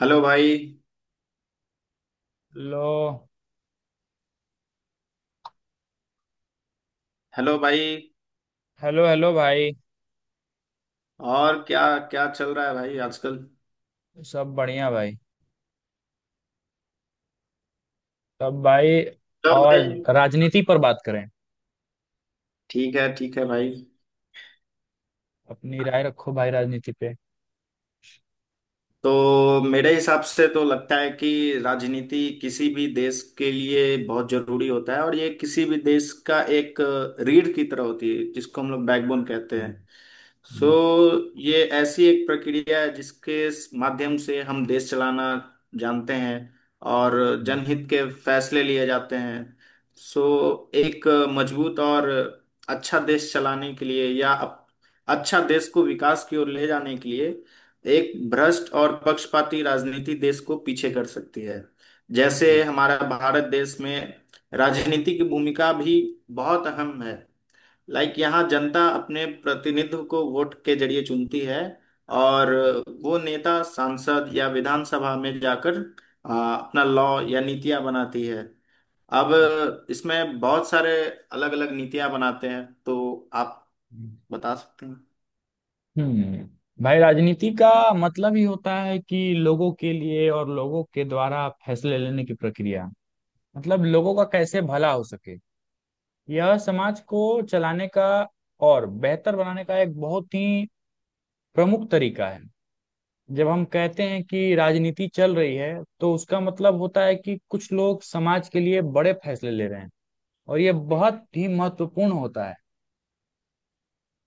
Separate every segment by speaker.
Speaker 1: Hello भाई।
Speaker 2: लो।
Speaker 1: Hello भाई।
Speaker 2: हेलो हेलो भाई।
Speaker 1: और क्या, क्या चल रहा है भाई आजकल?
Speaker 2: सब बढ़िया भाई। तब भाई।
Speaker 1: हेलो
Speaker 2: और
Speaker 1: भाई।
Speaker 2: राजनीति पर बात करें।
Speaker 1: ठीक है, ठीक है भाई।
Speaker 2: अपनी राय रखो भाई, राजनीति पे।
Speaker 1: तो मेरे हिसाब से तो लगता है कि राजनीति किसी भी देश के लिए बहुत जरूरी होता है, और ये किसी भी देश का एक रीढ़ की तरह होती है जिसको हम लोग बैकबोन कहते हैं। सो ये ऐसी एक प्रक्रिया है जिसके माध्यम से हम देश चलाना जानते हैं, और जनहित के फैसले लिए जाते हैं। सो एक मजबूत और अच्छा देश चलाने के लिए या अच्छा देश को विकास की ओर ले जाने के लिए, एक भ्रष्ट और पक्षपाती राजनीति देश को पीछे कर सकती है। जैसे
Speaker 2: हम्म
Speaker 1: हमारा भारत देश में राजनीति की भूमिका भी बहुत अहम है। लाइक यहाँ जनता अपने प्रतिनिधित्व को वोट के जरिए चुनती है, और वो नेता सांसद या विधानसभा में जाकर अपना लॉ या नीतियाँ बनाती है। अब इसमें बहुत सारे अलग अलग नीतियाँ बनाते हैं, तो आप बता सकते हैं।
Speaker 2: भाई, राजनीति का मतलब ही होता है कि लोगों के लिए और लोगों के द्वारा फैसले लेने की प्रक्रिया। मतलब, लोगों का कैसे भला हो सके। यह समाज को चलाने का और बेहतर बनाने का एक बहुत ही प्रमुख तरीका है। जब हम कहते हैं कि राजनीति चल रही है, तो उसका मतलब होता है कि कुछ लोग समाज के लिए बड़े फैसले ले रहे हैं, और ये बहुत ही महत्वपूर्ण होता है।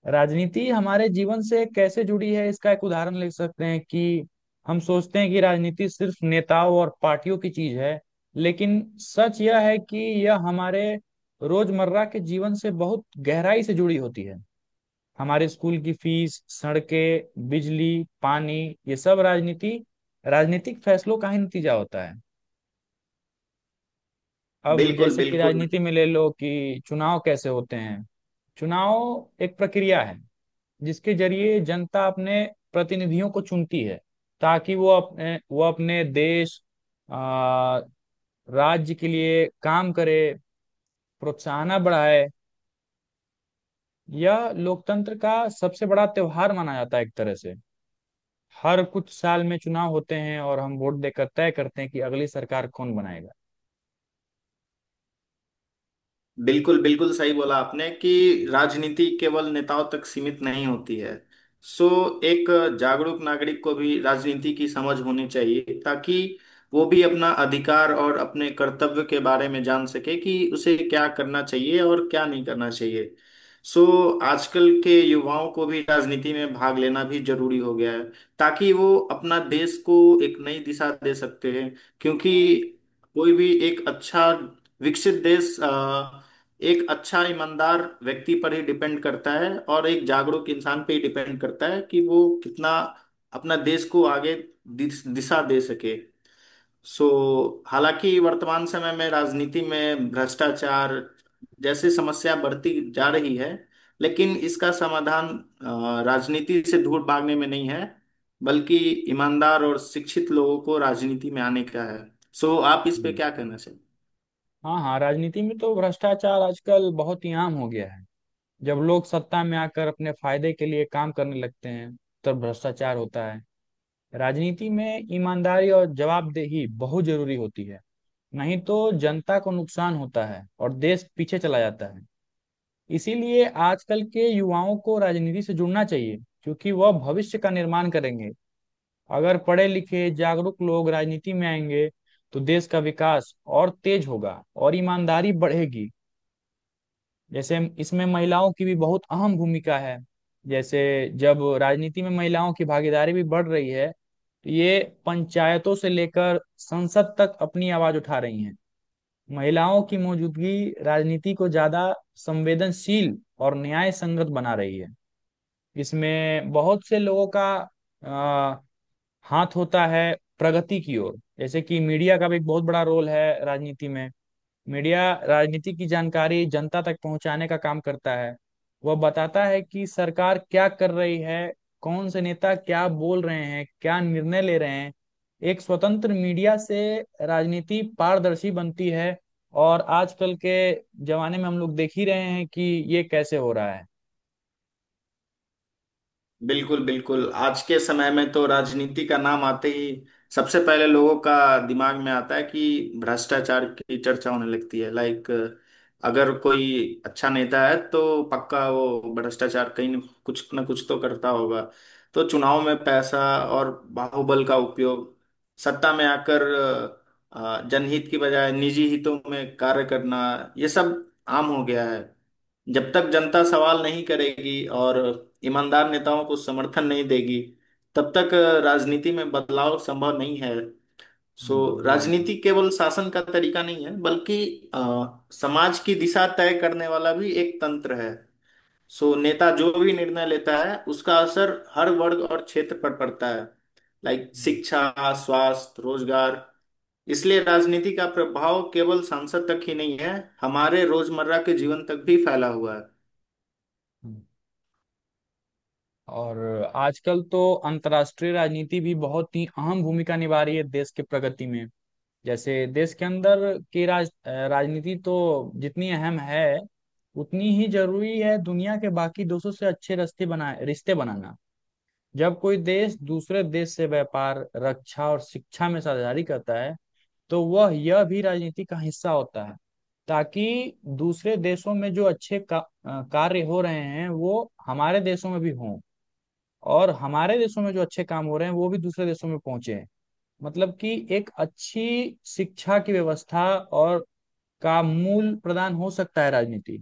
Speaker 2: राजनीति हमारे जीवन से कैसे जुड़ी है, इसका एक उदाहरण ले सकते हैं कि हम सोचते हैं कि राजनीति सिर्फ नेताओं और पार्टियों की चीज है, लेकिन सच यह है कि यह हमारे रोजमर्रा के जीवन से बहुत गहराई से जुड़ी होती है। हमारे स्कूल की फीस, सड़कें, बिजली, पानी, ये सब राजनीतिक फैसलों का ही नतीजा होता है। अब
Speaker 1: बिल्कुल,
Speaker 2: जैसे कि
Speaker 1: बिल्कुल।
Speaker 2: राजनीति में ले लो कि चुनाव कैसे होते हैं। चुनाव एक प्रक्रिया है जिसके जरिए जनता अपने प्रतिनिधियों को चुनती है, ताकि वो अपने देश, आ, राज्य के लिए काम करे, प्रोत्साहन बढ़ाए। यह लोकतंत्र का सबसे बड़ा त्योहार माना जाता है, एक तरह से। हर कुछ साल में चुनाव होते हैं और हम वोट देकर तय करते हैं कि अगली सरकार कौन बनाएगा।
Speaker 1: बिल्कुल, बिल्कुल सही बोला आपने कि राजनीति केवल नेताओं तक सीमित नहीं होती है। सो एक जागरूक नागरिक को भी राजनीति की समझ होनी चाहिए, ताकि वो भी अपना अधिकार और अपने कर्तव्य के बारे में जान सके कि उसे क्या करना चाहिए और क्या नहीं करना चाहिए। सो आजकल के युवाओं को भी राजनीति में भाग लेना भी जरूरी हो गया है, ताकि वो अपना देश को एक नई दिशा दे सकते हैं। क्योंकि कोई भी एक अच्छा विकसित देश एक अच्छा ईमानदार व्यक्ति पर ही डिपेंड करता है, और एक जागरूक इंसान पे ही डिपेंड करता है कि वो कितना अपना देश को आगे दिशा दे सके। सो हालांकि वर्तमान समय में राजनीति में भ्रष्टाचार जैसी समस्या बढ़ती जा रही है, लेकिन इसका समाधान राजनीति से दूर भागने में नहीं है, बल्कि ईमानदार और शिक्षित लोगों को राजनीति में आने का है। सो आप इस पे
Speaker 2: हम्म,
Speaker 1: क्या कहना चाहेंगे?
Speaker 2: हाँ हाँ, राजनीति में तो भ्रष्टाचार आजकल बहुत ही आम हो गया है। जब लोग सत्ता में आकर अपने फायदे के लिए काम करने लगते हैं, तब भ्रष्टाचार होता है। राजनीति में ईमानदारी और जवाबदेही बहुत जरूरी होती है, नहीं तो जनता को नुकसान होता है और देश पीछे चला जाता है। इसीलिए आजकल के युवाओं को राजनीति से जुड़ना चाहिए, क्योंकि वह भविष्य का निर्माण करेंगे। अगर पढ़े लिखे जागरूक लोग राजनीति में आएंगे, तो देश का विकास और तेज होगा और ईमानदारी बढ़ेगी। जैसे इसमें महिलाओं की भी बहुत अहम भूमिका है। जैसे, जब राजनीति में महिलाओं की भागीदारी भी बढ़ रही है, तो ये पंचायतों से लेकर संसद तक अपनी आवाज उठा रही हैं। महिलाओं की मौजूदगी राजनीति को ज्यादा संवेदनशील और न्याय संगत बना रही है। इसमें बहुत से लोगों का आ, हाथ होता है प्रगति की ओर। जैसे कि मीडिया का भी एक बहुत बड़ा रोल है राजनीति में। मीडिया राजनीति की जानकारी जनता तक पहुंचाने का काम करता है। वह बताता है कि सरकार क्या कर रही है, कौन से नेता क्या बोल रहे हैं, क्या निर्णय ले रहे हैं। एक स्वतंत्र मीडिया से राजनीति पारदर्शी बनती है। और आजकल के जमाने में हम लोग देख ही रहे हैं कि ये कैसे हो रहा है।
Speaker 1: बिल्कुल, बिल्कुल। आज के समय में तो राजनीति का नाम आते ही सबसे पहले लोगों का दिमाग में आता है कि भ्रष्टाचार की चर्चा होने लगती है। लाइक अगर कोई अच्छा नेता है तो पक्का वो भ्रष्टाचार कहीं न कुछ ना कुछ तो करता होगा। तो चुनाव में पैसा और बाहुबल का उपयोग, सत्ता में आकर जनहित की बजाय निजी हितों में कार्य करना, ये सब आम हो गया है। जब तक जनता सवाल नहीं करेगी और ईमानदार नेताओं को समर्थन नहीं देगी, तब तक राजनीति में बदलाव संभव नहीं है। सो
Speaker 2: हम्म। जी बिल्कुल।
Speaker 1: राजनीति केवल शासन का तरीका नहीं है, बल्कि अ, समाज की दिशा तय करने वाला भी एक तंत्र है। सो नेता जो भी निर्णय लेता है उसका असर हर वर्ग और क्षेत्र पर पड़ता है। लाइक
Speaker 2: हम्म।
Speaker 1: शिक्षा, स्वास्थ्य, रोजगार। इसलिए राजनीति का प्रभाव केवल सांसद तक ही नहीं है, हमारे रोजमर्रा के जीवन तक भी फैला हुआ है।
Speaker 2: हम्म। और आजकल तो अंतर्राष्ट्रीय राजनीति भी बहुत ही अहम भूमिका निभा रही है देश के प्रगति में। जैसे देश के अंदर की राजनीति तो जितनी अहम है, उतनी ही जरूरी है दुनिया के बाकी देशों से अच्छे रिश्ते बनाना। जब कोई देश दूसरे देश से व्यापार, रक्षा और शिक्षा में साझेदारी करता है, तो वह यह भी राजनीति का हिस्सा होता है। ताकि दूसरे देशों में जो अच्छे कार्य हो रहे हैं, वो हमारे देशों में भी हों, और हमारे देशों में जो अच्छे काम हो रहे हैं वो भी दूसरे देशों में पहुंचे हैं। मतलब कि एक अच्छी शिक्षा की व्यवस्था और का मूल प्रदान हो सकता है राजनीति।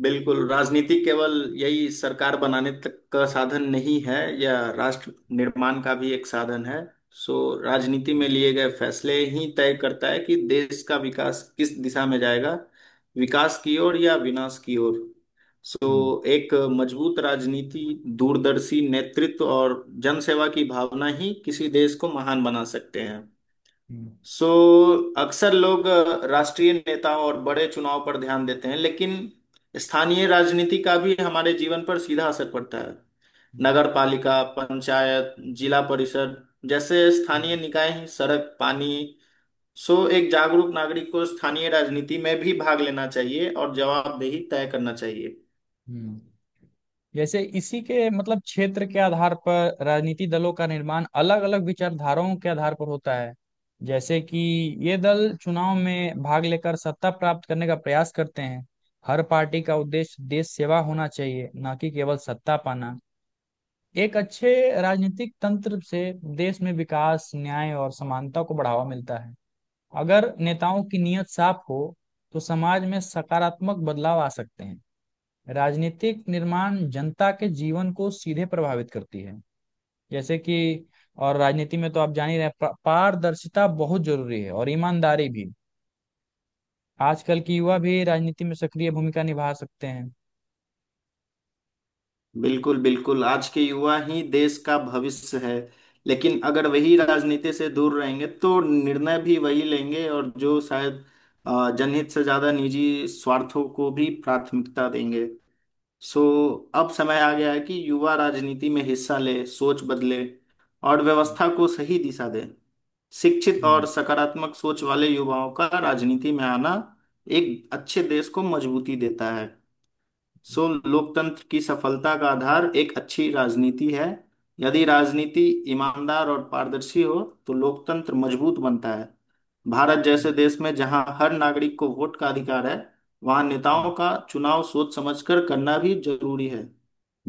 Speaker 1: बिल्कुल। राजनीति केवल यही सरकार बनाने तक का साधन नहीं है, यह राष्ट्र निर्माण का भी एक साधन है। सो राजनीति में लिए गए फैसले ही तय करता है कि देश का विकास किस दिशा में जाएगा, विकास की ओर या विनाश की ओर।
Speaker 2: हम्म।
Speaker 1: सो एक मजबूत राजनीति, दूरदर्शी नेतृत्व और जनसेवा की भावना ही किसी देश को महान बना सकते हैं।
Speaker 2: हम्म।
Speaker 1: सो अक्सर लोग राष्ट्रीय नेताओं और बड़े चुनाव पर ध्यान देते हैं, लेकिन स्थानीय राजनीति का भी हमारे जीवन पर सीधा असर पड़ता है।
Speaker 2: हम्म।
Speaker 1: नगर पालिका, पंचायत, जिला परिषद जैसे स्थानीय
Speaker 2: हम्म।
Speaker 1: निकाय हैं, सड़क, पानी। सो एक जागरूक नागरिक को स्थानीय राजनीति में भी भाग लेना चाहिए और जवाबदेही तय करना चाहिए।
Speaker 2: हम्म। जैसे इसी के मतलब क्षेत्र के आधार पर राजनीति दलों का निर्माण अलग अलग विचारधाराओं के आधार पर होता है। जैसे कि ये दल चुनाव में भाग लेकर सत्ता प्राप्त करने का प्रयास करते हैं। हर पार्टी का उद्देश्य देश सेवा होना चाहिए, ना कि केवल सत्ता पाना। एक अच्छे राजनीतिक तंत्र से देश में विकास, न्याय और समानता को बढ़ावा मिलता है। अगर नेताओं की नीयत साफ हो, तो समाज में सकारात्मक बदलाव आ सकते हैं। राजनीतिक निर्माण जनता के जीवन को सीधे प्रभावित करती है। जैसे कि, और राजनीति में तो आप जान ही रहे हैं, पारदर्शिता बहुत जरूरी है और ईमानदारी भी। आजकल की युवा भी राजनीति में सक्रिय भूमिका निभा सकते हैं।
Speaker 1: बिल्कुल, बिल्कुल। आज के युवा ही देश का भविष्य है, लेकिन अगर वही राजनीति से दूर रहेंगे तो निर्णय भी वही लेंगे, और जो शायद जनहित से ज्यादा निजी स्वार्थों को भी प्राथमिकता देंगे। सो अब समय आ गया है कि युवा राजनीति में हिस्सा ले, सोच बदले, और
Speaker 2: हम्म।
Speaker 1: व्यवस्था को सही दिशा दे। शिक्षित
Speaker 2: हम्म।
Speaker 1: और सकारात्मक सोच वाले युवाओं का राजनीति में आना एक अच्छे देश को मजबूती देता है। सो
Speaker 2: हम्म।
Speaker 1: लोकतंत्र की सफलता का आधार एक अच्छी राजनीति है। यदि राजनीति ईमानदार और पारदर्शी हो, तो लोकतंत्र मजबूत बनता है। भारत जैसे देश में जहां हर नागरिक को वोट का अधिकार है, वहां नेताओं
Speaker 2: हम्म।
Speaker 1: का चुनाव सोच समझकर करना भी जरूरी है।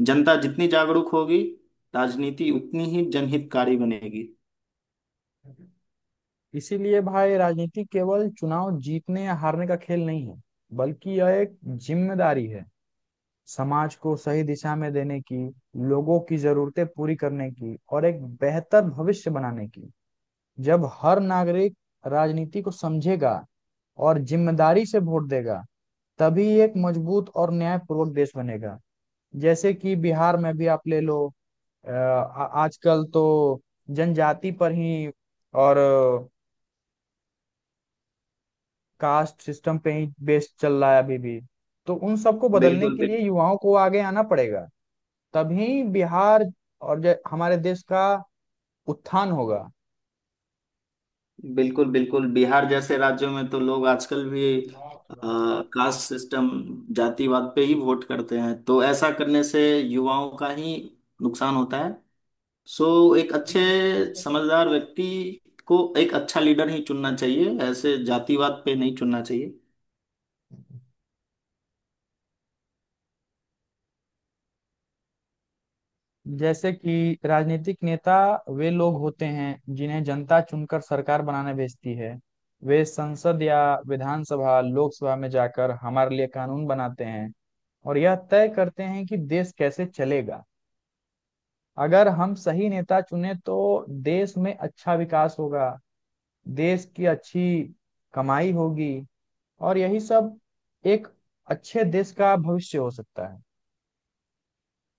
Speaker 1: जनता जितनी जागरूक होगी, राजनीति उतनी ही जनहितकारी बनेगी।
Speaker 2: इसीलिए भाई, राजनीति केवल चुनाव जीतने या हारने का खेल नहीं है, बल्कि यह एक जिम्मेदारी है समाज को सही दिशा में देने की, लोगों की जरूरतें पूरी करने की और एक बेहतर भविष्य बनाने की। जब हर नागरिक राजनीति को समझेगा और जिम्मेदारी से वोट देगा, तभी एक मजबूत और न्यायपूर्वक देश बनेगा। जैसे कि बिहार में भी आप ले लो। आजकल तो जनजाति पर ही और कास्ट सिस्टम पे ही बेस्ड चल रहा है अभी भी। तो उन सबको बदलने
Speaker 1: बिल्कुल,
Speaker 2: के लिए
Speaker 1: बिल्कुल।
Speaker 2: युवाओं को आगे आना पड़ेगा। तभी बिहार और हमारे देश का उत्थान होगा।
Speaker 1: बिल्कुल, बिल्कुल। बिहार जैसे राज्यों में तो लोग आजकल भी कास्ट सिस्टम, जातिवाद पे ही वोट करते हैं, तो ऐसा करने से युवाओं का ही नुकसान होता है। सो एक अच्छे समझदार व्यक्ति को एक अच्छा लीडर ही चुनना चाहिए, ऐसे जातिवाद पे नहीं चुनना चाहिए।
Speaker 2: जैसे कि राजनीतिक नेता वे लोग होते हैं जिन्हें जनता चुनकर सरकार बनाने भेजती है। वे संसद या विधानसभा, लोकसभा में जाकर हमारे लिए कानून बनाते हैं, और यह तय करते हैं कि देश कैसे चलेगा। अगर हम सही नेता चुने तो देश में अच्छा विकास होगा, देश की अच्छी कमाई होगी। और यही सब एक अच्छे देश का भविष्य हो सकता है।